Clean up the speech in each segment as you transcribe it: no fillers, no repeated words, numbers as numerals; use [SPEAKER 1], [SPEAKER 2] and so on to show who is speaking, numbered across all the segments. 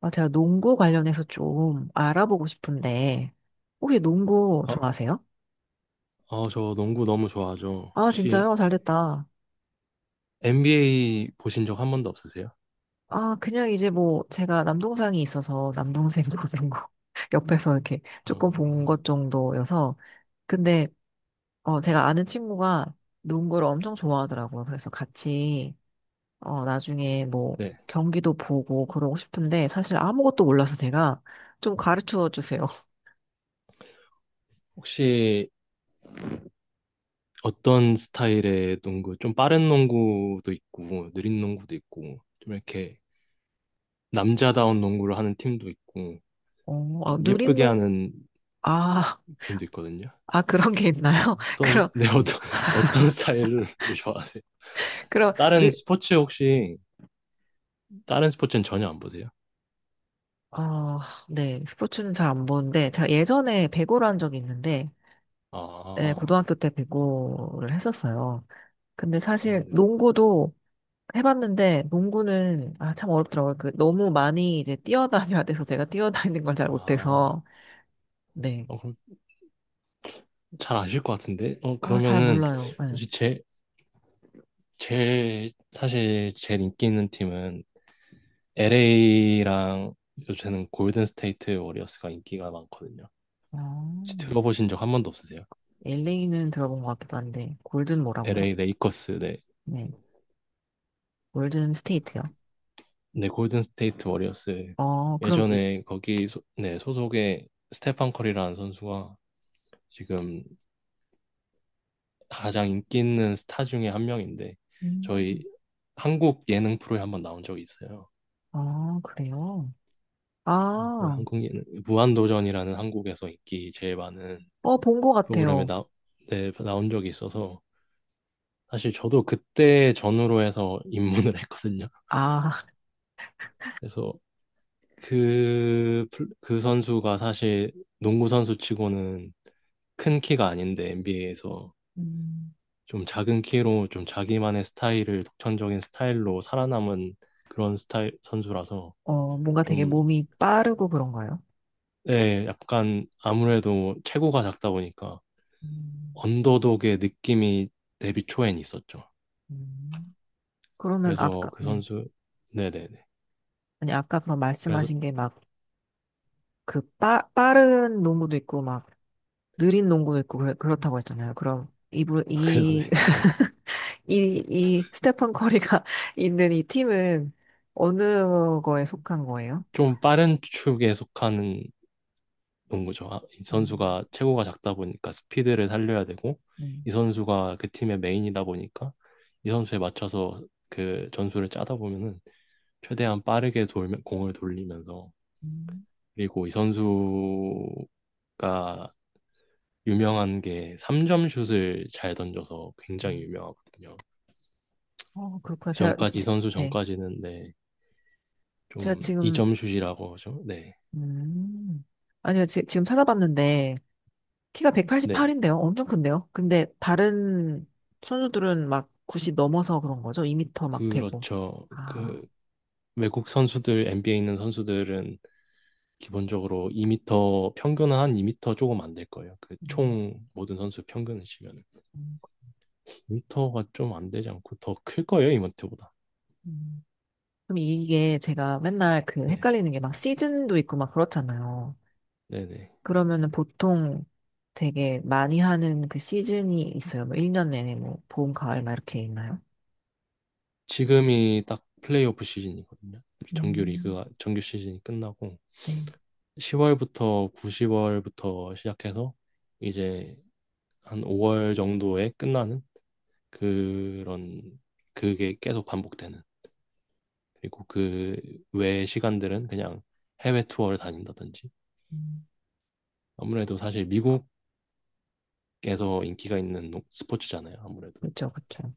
[SPEAKER 1] 아, 제가 농구 관련해서 좀 알아보고 싶은데, 혹시 농구
[SPEAKER 2] 어,
[SPEAKER 1] 좋아하세요?
[SPEAKER 2] 어, 저 농구 너무 좋아하죠.
[SPEAKER 1] 아,
[SPEAKER 2] 혹시
[SPEAKER 1] 진짜요? 잘 됐다.
[SPEAKER 2] NBA 보신 적 한 번도 없으세요?
[SPEAKER 1] 아, 그냥 이제 뭐, 제가 남동생이 있어서 남동생 그런 거 옆에서 이렇게 조금 본
[SPEAKER 2] 어,
[SPEAKER 1] 것 정도여서, 근데, 제가 아는 친구가 농구를 엄청 좋아하더라고요. 그래서 같이, 나중에 뭐,
[SPEAKER 2] 네.
[SPEAKER 1] 경기도 보고 그러고 싶은데, 사실 아무것도 몰라서 제가 좀 가르쳐 주세요.
[SPEAKER 2] 혹시 어떤 스타일의 농구? 좀 빠른 농구도 있고, 느린 농구도 있고, 좀 이렇게 남자다운 농구를 하는 팀도 있고,
[SPEAKER 1] 어, 아,
[SPEAKER 2] 좀
[SPEAKER 1] 누린
[SPEAKER 2] 예쁘게
[SPEAKER 1] 농,
[SPEAKER 2] 하는
[SPEAKER 1] 아,
[SPEAKER 2] 팀도 있거든요.
[SPEAKER 1] 아, 그런 게 있나요?
[SPEAKER 2] 어떤,
[SPEAKER 1] 그럼
[SPEAKER 2] 네, 어떤, 어떤 스타일을 좋아하세요?
[SPEAKER 1] 그럼,
[SPEAKER 2] 다른
[SPEAKER 1] 느,
[SPEAKER 2] 스포츠 혹시, 다른 스포츠는 전혀 안 보세요?
[SPEAKER 1] 어, 네. 스포츠는 잘 안 보는데, 제가 예전에 배구를 한 적이 있는데, 네,
[SPEAKER 2] 아,
[SPEAKER 1] 고등학교 때 배구를 했었어요. 근데
[SPEAKER 2] 아,
[SPEAKER 1] 사실
[SPEAKER 2] 네.
[SPEAKER 1] 농구도 해봤는데, 농구는, 아, 참 어렵더라고요. 그, 너무 많이 이제 뛰어다녀야 돼서 제가 뛰어다니는 걸 잘
[SPEAKER 2] 아,
[SPEAKER 1] 못해서, 네.
[SPEAKER 2] 어, 그럼 잘 아실 것 같은데? 어,
[SPEAKER 1] 아, 잘
[SPEAKER 2] 그러면은,
[SPEAKER 1] 몰라요. 네.
[SPEAKER 2] 혹시 사실 제일 인기 있는 팀은 LA랑 요새는 골든 스테이트 워리어스가 인기가 많거든요. 혹시 들어보신 적 한 번도 없으세요?
[SPEAKER 1] LA는 들어본 것 같기도 한데, 골든 뭐라고요?
[SPEAKER 2] LA 레이커스, 네.
[SPEAKER 1] 네. 골든 스테이트요.
[SPEAKER 2] 네, 골든 스테이트 워리어스.
[SPEAKER 1] 그럼
[SPEAKER 2] 예전에 거기, 네, 소속의 스테판 커리라는 선수가 지금 가장 인기 있는 스타 중에 한 명인데, 저희
[SPEAKER 1] 음,
[SPEAKER 2] 한국 예능 프로에 한번 나온 적이 있어요.
[SPEAKER 1] 그래요?
[SPEAKER 2] 왜
[SPEAKER 1] 아,
[SPEAKER 2] 한국인 무한도전이라는 한국에서 인기 제일 많은
[SPEAKER 1] 어, 본 것
[SPEAKER 2] 프로그램에
[SPEAKER 1] 같아요.
[SPEAKER 2] 네, 나온 적이 있어서 사실 저도 그때 전후로 해서 입문을 했거든요.
[SPEAKER 1] 아,
[SPEAKER 2] 그래서 그, 그 선수가 사실 농구 선수 치고는 큰 키가 아닌데 NBA에서
[SPEAKER 1] 음,
[SPEAKER 2] 좀 작은 키로 좀 자기만의 스타일을 독창적인 스타일로 살아남은 그런 스타일 선수라서
[SPEAKER 1] 뭔가 되게
[SPEAKER 2] 좀
[SPEAKER 1] 몸이 빠르고 그런가요?
[SPEAKER 2] 네, 약간 아무래도 체구가 작다 보니까
[SPEAKER 1] 음,
[SPEAKER 2] 언더독의 느낌이 데뷔 초엔 있었죠.
[SPEAKER 1] 음. 그러면
[SPEAKER 2] 그래서
[SPEAKER 1] 아까,
[SPEAKER 2] 그
[SPEAKER 1] 네.
[SPEAKER 2] 선수, 네네네.
[SPEAKER 1] 아니, 아까 그럼
[SPEAKER 2] 그래서,
[SPEAKER 1] 말씀하신 게 막, 빠른 농구도 있고, 막, 느린 농구도 있고, 그렇다고 했잖아요. 그럼,
[SPEAKER 2] 그죠, 네.
[SPEAKER 1] 스테판 커리가 있는 이 팀은 어느 거에 속한 거예요?
[SPEAKER 2] 좀 빠른 축에 속하는 농구죠. 아, 이
[SPEAKER 1] 음,
[SPEAKER 2] 선수가 체구가 작다 보니까 스피드를 살려야 되고,
[SPEAKER 1] 음,
[SPEAKER 2] 이 선수가 그 팀의 메인이다 보니까, 이 선수에 맞춰서 그 전술을 짜다 보면은, 최대한 빠르게 돌면, 공을 돌리면서,
[SPEAKER 1] 음,
[SPEAKER 2] 그리고 이 선수가 유명한 게 3점 슛을 잘 던져서 굉장히
[SPEAKER 1] 음.
[SPEAKER 2] 유명하거든요.
[SPEAKER 1] 그렇구나.
[SPEAKER 2] 그 전까지 이 선수
[SPEAKER 1] 네.
[SPEAKER 2] 전까지는 네,
[SPEAKER 1] 제가
[SPEAKER 2] 좀
[SPEAKER 1] 지금
[SPEAKER 2] 이점슛이라고 하죠. 네,
[SPEAKER 1] 음. 아니요, 지금 찾아봤는데, 키가
[SPEAKER 2] 네,
[SPEAKER 1] 188인데요? 엄청 큰데요? 근데 다른 선수들은 막 90 넘어서 그런 거죠? 2미터 막 되고.
[SPEAKER 2] 그렇죠.
[SPEAKER 1] 아,
[SPEAKER 2] 그 외국 선수들 NBA에 있는 선수들은 기본적으로 2미터 평균은 한 2미터 조금 안 될 거예요. 그
[SPEAKER 1] 음,
[SPEAKER 2] 총 모든 선수 평균을 치면
[SPEAKER 1] 음,
[SPEAKER 2] 2미터가 좀 안 되지 않고 더 클 거예요, 이마트보다.
[SPEAKER 1] 음. 그럼 이게 제가 맨날 그
[SPEAKER 2] 네,
[SPEAKER 1] 헷갈리는 게 막 시즌도 있고 막 그렇잖아요.
[SPEAKER 2] 네, 네.
[SPEAKER 1] 그러면은 보통 되게 많이 하는 그 시즌이 있어요. 뭐 1년 내내 뭐 봄, 가을 막 이렇게 있나요?
[SPEAKER 2] 지금이 딱 플레이오프 시즌이거든요. 정규
[SPEAKER 1] 음,
[SPEAKER 2] 리그가 정규 시즌이 끝나고
[SPEAKER 1] 네.
[SPEAKER 2] 10월부터 9, 0월부터 시작해서 이제 한 5월 정도에 끝나는 그런, 그게 계속 반복되는. 그리고 그 외 시간들은 그냥 해외 투어를 다닌다든지.
[SPEAKER 1] 음,
[SPEAKER 2] 아무래도 사실 미국에서 인기가 있는 스포츠잖아요, 아무래도.
[SPEAKER 1] 그렇죠, 그렇죠.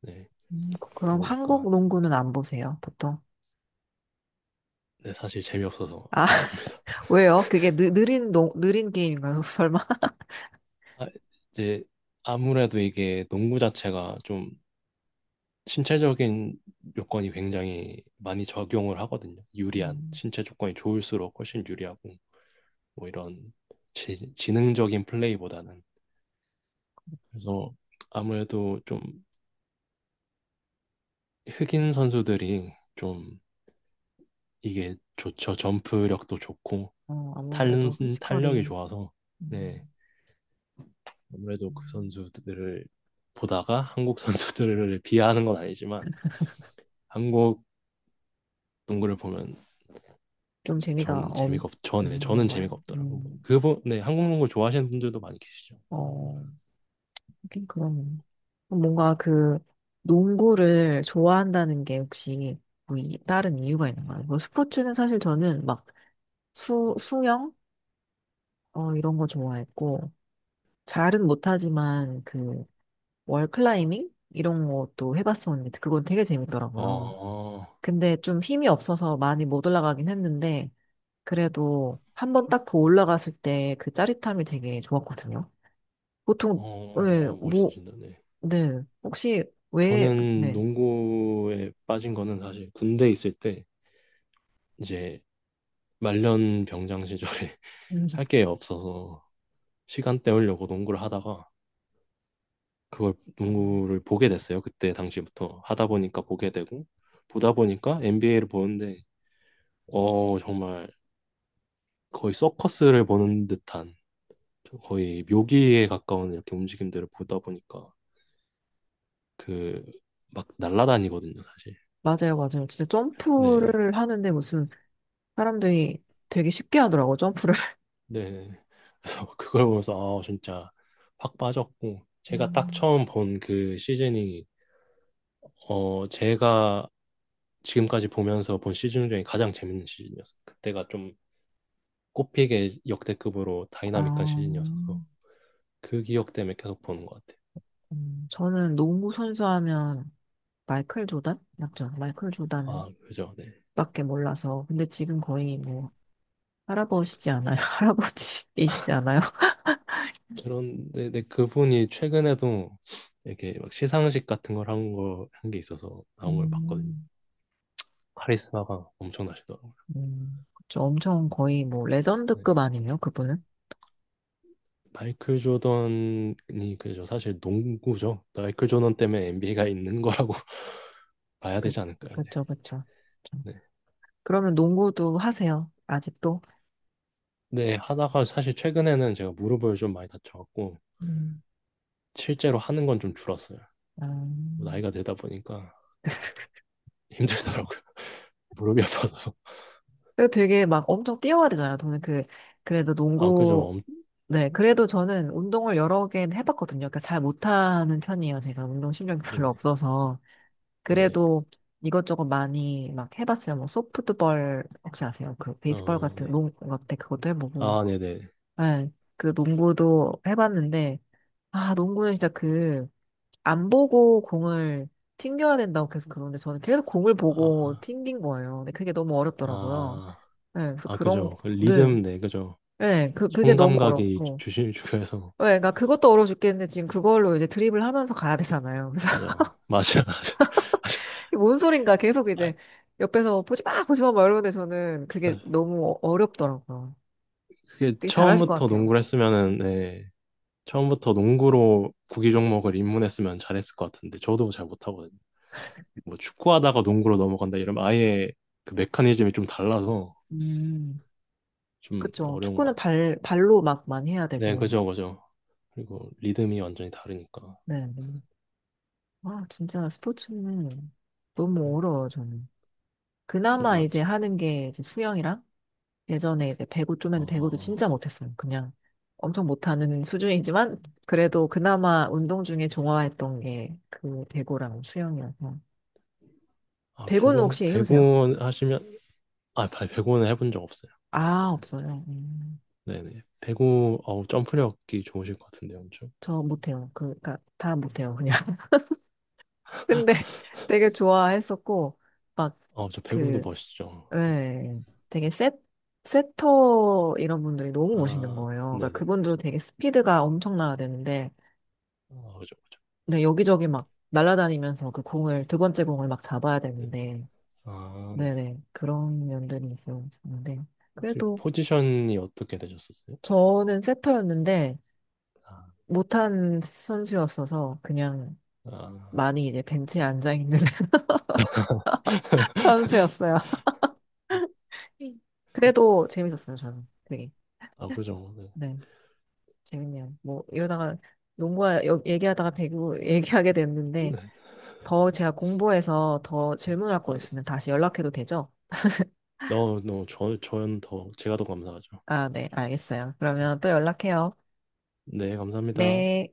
[SPEAKER 2] 네. 그렇다
[SPEAKER 1] 그럼
[SPEAKER 2] 보니까,
[SPEAKER 1] 한국 농구는 안 보세요, 보통?
[SPEAKER 2] 네, 사실 재미없어서
[SPEAKER 1] 아,
[SPEAKER 2] 안 봅니다.
[SPEAKER 1] 왜요? 그게 느린 게임인가요? 설마?
[SPEAKER 2] 아, 이제 아무래도 이게 농구 자체가 좀 신체적인 요건이 굉장히 많이 적용을 하거든요. 유리한
[SPEAKER 1] 음,
[SPEAKER 2] 신체 조건이 좋을수록 훨씬 유리하고, 뭐 이런 지능적인 플레이보다는. 그래서 아무래도 좀 흑인 선수들이 좀 이게 좋죠. 점프력도 좋고 탄,
[SPEAKER 1] 아무래도
[SPEAKER 2] 탄력이
[SPEAKER 1] 피지컬이
[SPEAKER 2] 좋아서. 네.
[SPEAKER 1] 음,
[SPEAKER 2] 아무래도 그
[SPEAKER 1] 음.
[SPEAKER 2] 선수들을 보다가 한국 선수들을 비하하는 건 아니지만, 한국 농구를 보면
[SPEAKER 1] 좀 재미가
[SPEAKER 2] 저는
[SPEAKER 1] 없,
[SPEAKER 2] 네,
[SPEAKER 1] 없는
[SPEAKER 2] 저는 재미가
[SPEAKER 1] 거예요.
[SPEAKER 2] 없더라고요. 뭐 그분, 네, 한국 농구 좋아하시는 분들도 많이 계시죠.
[SPEAKER 1] 어, 하긴 그런 뭔가 그 농구를 좋아한다는 게 혹시 뭐 다른 이유가 있는가요? 뭐 스포츠는 사실 저는 막 수영? 이런 거 좋아했고, 잘은 못하지만 그 월클라이밍? 이런 것도 해봤었는데, 그건 되게 재밌더라고요.
[SPEAKER 2] 어,
[SPEAKER 1] 근데 좀 힘이 없어서 많이 못 올라가긴 했는데, 그래도 한 번 딱 더 올라갔을 때 그 짜릿함이 되게 좋았거든요. 보통, 네,
[SPEAKER 2] 어,
[SPEAKER 1] 뭐,
[SPEAKER 2] 멋있으신다.
[SPEAKER 1] 네. 혹시 왜,
[SPEAKER 2] 저는
[SPEAKER 1] 네.
[SPEAKER 2] 농구에 빠진 거는 사실 군대 있을 때, 이제 말년 병장 시절에
[SPEAKER 1] 음,
[SPEAKER 2] 할 게 없어서 시간 때우려고 농구를 하다가 그걸 농구를 보게 됐어요. 그때 당시부터 하다 보니까 보게 되고, 보다 보니까 NBA를 보는데 어, 정말 거의 서커스를 보는 듯한, 거의 묘기에 가까운 이렇게 움직임들을 보다 보니까 그 막 날라다니거든요, 사실.
[SPEAKER 1] 맞아요, 맞아요. 진짜
[SPEAKER 2] 네.
[SPEAKER 1] 점프를 하는데 무슨 사람들이 되게 쉽게 하더라고요, 점프를.
[SPEAKER 2] 네, 그래서 그걸 보면서 아, 진짜 확 빠졌고, 제가 딱
[SPEAKER 1] 음,
[SPEAKER 2] 처음 본 그 시즌이 어, 제가 지금까지 보면서 본 시즌 중에 가장 재밌는 시즌이었어요. 그때가 좀 꼽히게 역대급으로 다이나믹한
[SPEAKER 1] 아,
[SPEAKER 2] 시즌이었어서 그 기억 때문에 계속 보는 것 같아요.
[SPEAKER 1] 저는 농구 선수 하면 마이클 조단? 맞죠? 마이클 조단밖에
[SPEAKER 2] 아, 그죠. 네.
[SPEAKER 1] 몰라서. 근데 지금 거의 뭐, 할아버지지 않아요? 할아버지이시지 않아요?
[SPEAKER 2] 그런데 네, 그분이 최근에도 이렇게 막 시상식 같은 걸 한 거, 한 게 있어서 나온 걸 봤거든요.
[SPEAKER 1] 음,
[SPEAKER 2] 카리스마가 엄청나시더라고요.
[SPEAKER 1] 그쵸. 엄청 거의 뭐
[SPEAKER 2] 네.
[SPEAKER 1] 레전드급 아니에요, 그분은?
[SPEAKER 2] 마이클 조던이, 그죠. 사실 농구죠. 마이클 조던 때문에 NBA가 있는 거라고 봐야
[SPEAKER 1] 그,
[SPEAKER 2] 되지 않을까요? 네.
[SPEAKER 1] 그쵸, 그쵸. 그쵸.
[SPEAKER 2] 네.
[SPEAKER 1] 그러면 농구도 하세요, 아직도?
[SPEAKER 2] 네, 하다가 사실 최근에는 제가 무릎을 좀 많이 다쳐갖고
[SPEAKER 1] 음.
[SPEAKER 2] 실제로 하는 건 좀 줄었어요.
[SPEAKER 1] 아,
[SPEAKER 2] 뭐 나이가 들다 보니까 힘들더라고요. 무릎이 아파서.
[SPEAKER 1] 그래도 되게 막 엄청 뛰어야 되잖아요. 저는 그래도
[SPEAKER 2] 아, 그죠.
[SPEAKER 1] 농구, 네, 그래도 저는 운동을 여러 개 해봤거든요. 그러니까 잘 못하는 편이에요. 제가 운동 신경이 별로
[SPEAKER 2] 네네.
[SPEAKER 1] 없어서.
[SPEAKER 2] 네네.
[SPEAKER 1] 그래도 이것저것 많이 막 해봤어요. 뭐 소프트볼 혹시 아세요? 그 베이스볼
[SPEAKER 2] 어,
[SPEAKER 1] 같은
[SPEAKER 2] 네.
[SPEAKER 1] 농구 같은 그것도 해보고.
[SPEAKER 2] 아, 네네.
[SPEAKER 1] 네, 그 농구도 해봤는데, 아, 농구는 진짜 안 보고 공을 튕겨야 된다고 계속 그러는데, 저는 계속 공을
[SPEAKER 2] 아,
[SPEAKER 1] 보고
[SPEAKER 2] 아,
[SPEAKER 1] 튕긴 거예요. 근데 그게 너무 어렵더라고요.
[SPEAKER 2] 아,
[SPEAKER 1] 네, 그래서
[SPEAKER 2] 아, 그죠. 그
[SPEAKER 1] 늘,
[SPEAKER 2] 리듬, 네, 그죠.
[SPEAKER 1] 네, 그게
[SPEAKER 2] 손
[SPEAKER 1] 너무
[SPEAKER 2] 감각이
[SPEAKER 1] 어렵고.
[SPEAKER 2] 주심 중요해서.
[SPEAKER 1] 네, 그러니까 그것도 어려워 죽겠는데, 지금 그걸로 이제 드립을 하면서 가야 되잖아요. 그래서,
[SPEAKER 2] 그죠. 맞아요. 맞아요.
[SPEAKER 1] 뭔 소린가 계속 이제
[SPEAKER 2] 맞아요.
[SPEAKER 1] 옆에서 보지 마, 보지 마, 막 이러는데 저는
[SPEAKER 2] 아,
[SPEAKER 1] 그게
[SPEAKER 2] 아,
[SPEAKER 1] 너무 어렵더라고요.
[SPEAKER 2] 그게
[SPEAKER 1] 되게 잘하실 것
[SPEAKER 2] 처음부터
[SPEAKER 1] 같아요.
[SPEAKER 2] 농구를 했으면은, 네, 처음부터 농구로 구기 종목을 입문했으면 잘했을 것 같은데, 저도 잘 못하거든요. 뭐 축구하다가 농구로 넘어간다 이러면 아예 그 메커니즘이 좀 달라서
[SPEAKER 1] 음.
[SPEAKER 2] 좀
[SPEAKER 1] 그쵸.
[SPEAKER 2] 어려운 것
[SPEAKER 1] 축구는
[SPEAKER 2] 같아.
[SPEAKER 1] 발로 막 많이 해야
[SPEAKER 2] 네,
[SPEAKER 1] 되고.
[SPEAKER 2] 그죠, 그죠. 그리고 리듬이 완전히 다르니까.
[SPEAKER 1] 네. 네. 아, 진짜 스포츠는 너무 어려워요, 저는.
[SPEAKER 2] 네,
[SPEAKER 1] 그나마 이제
[SPEAKER 2] 맞죠.
[SPEAKER 1] 하는 게 이제 수영이랑 예전에 이제 배구 좀 했는데 배구도
[SPEAKER 2] 어,
[SPEAKER 1] 진짜 못했어요. 그냥 엄청 못하는 수준이지만 그래도 그나마 운동 중에 좋아했던 게 그 배구랑 수영이어서.
[SPEAKER 2] 아,
[SPEAKER 1] 배구는
[SPEAKER 2] 배구,
[SPEAKER 1] 혹시 해보세요?
[SPEAKER 2] 배구 하시면, 아, 배구는 해본 적 없어요.
[SPEAKER 1] 아, 없어요.
[SPEAKER 2] 네네. 배구, 어우, 점프력이 좋으실 것 같은데, 엄청.
[SPEAKER 1] 저 못해요. 그니까 다 못해요, 그냥. 근데 되게 좋아했었고, 막
[SPEAKER 2] 어, 저 배구도
[SPEAKER 1] 그
[SPEAKER 2] 멋있죠.
[SPEAKER 1] 네, 되게 세터 이런 분들이 너무 멋있는
[SPEAKER 2] 아,
[SPEAKER 1] 거예요. 그러니까
[SPEAKER 2] 네네.
[SPEAKER 1] 그분도 되게 스피드가 엄청나야 되는데,
[SPEAKER 2] 아, 그죠, 그죠.
[SPEAKER 1] 네, 여기저기 막 날아다니면서 그 공을, 두 번째 공을 막 잡아야
[SPEAKER 2] 네.
[SPEAKER 1] 되는데,
[SPEAKER 2] 아, 네.
[SPEAKER 1] 네네, 그런 면들이 있었는데,
[SPEAKER 2] 혹시
[SPEAKER 1] 그래도
[SPEAKER 2] 포지션이 어떻게 되셨었어요?
[SPEAKER 1] 저는 세터였는데,
[SPEAKER 2] 아,
[SPEAKER 1] 못한 선수였어서 그냥
[SPEAKER 2] 아,
[SPEAKER 1] 많이 이제 벤치에 앉아있는 선수였어요. 그래도 재밌었어요, 저는. 되게.
[SPEAKER 2] 아, 그죠. 네.
[SPEAKER 1] 네. 재밌네요. 뭐 이러다가 농구와 얘기하다가 배구 얘기하게 됐는데 더 제가 공부해서 더 질문할 거
[SPEAKER 2] 아, 네.
[SPEAKER 1] 있으면 다시 연락해도 되죠?
[SPEAKER 2] 너무, 너무, 저는, 제가 더 감사하죠.
[SPEAKER 1] 아, 네, 알겠어요. 그러면 또 연락해요.
[SPEAKER 2] 네, 감사합니다.
[SPEAKER 1] 네.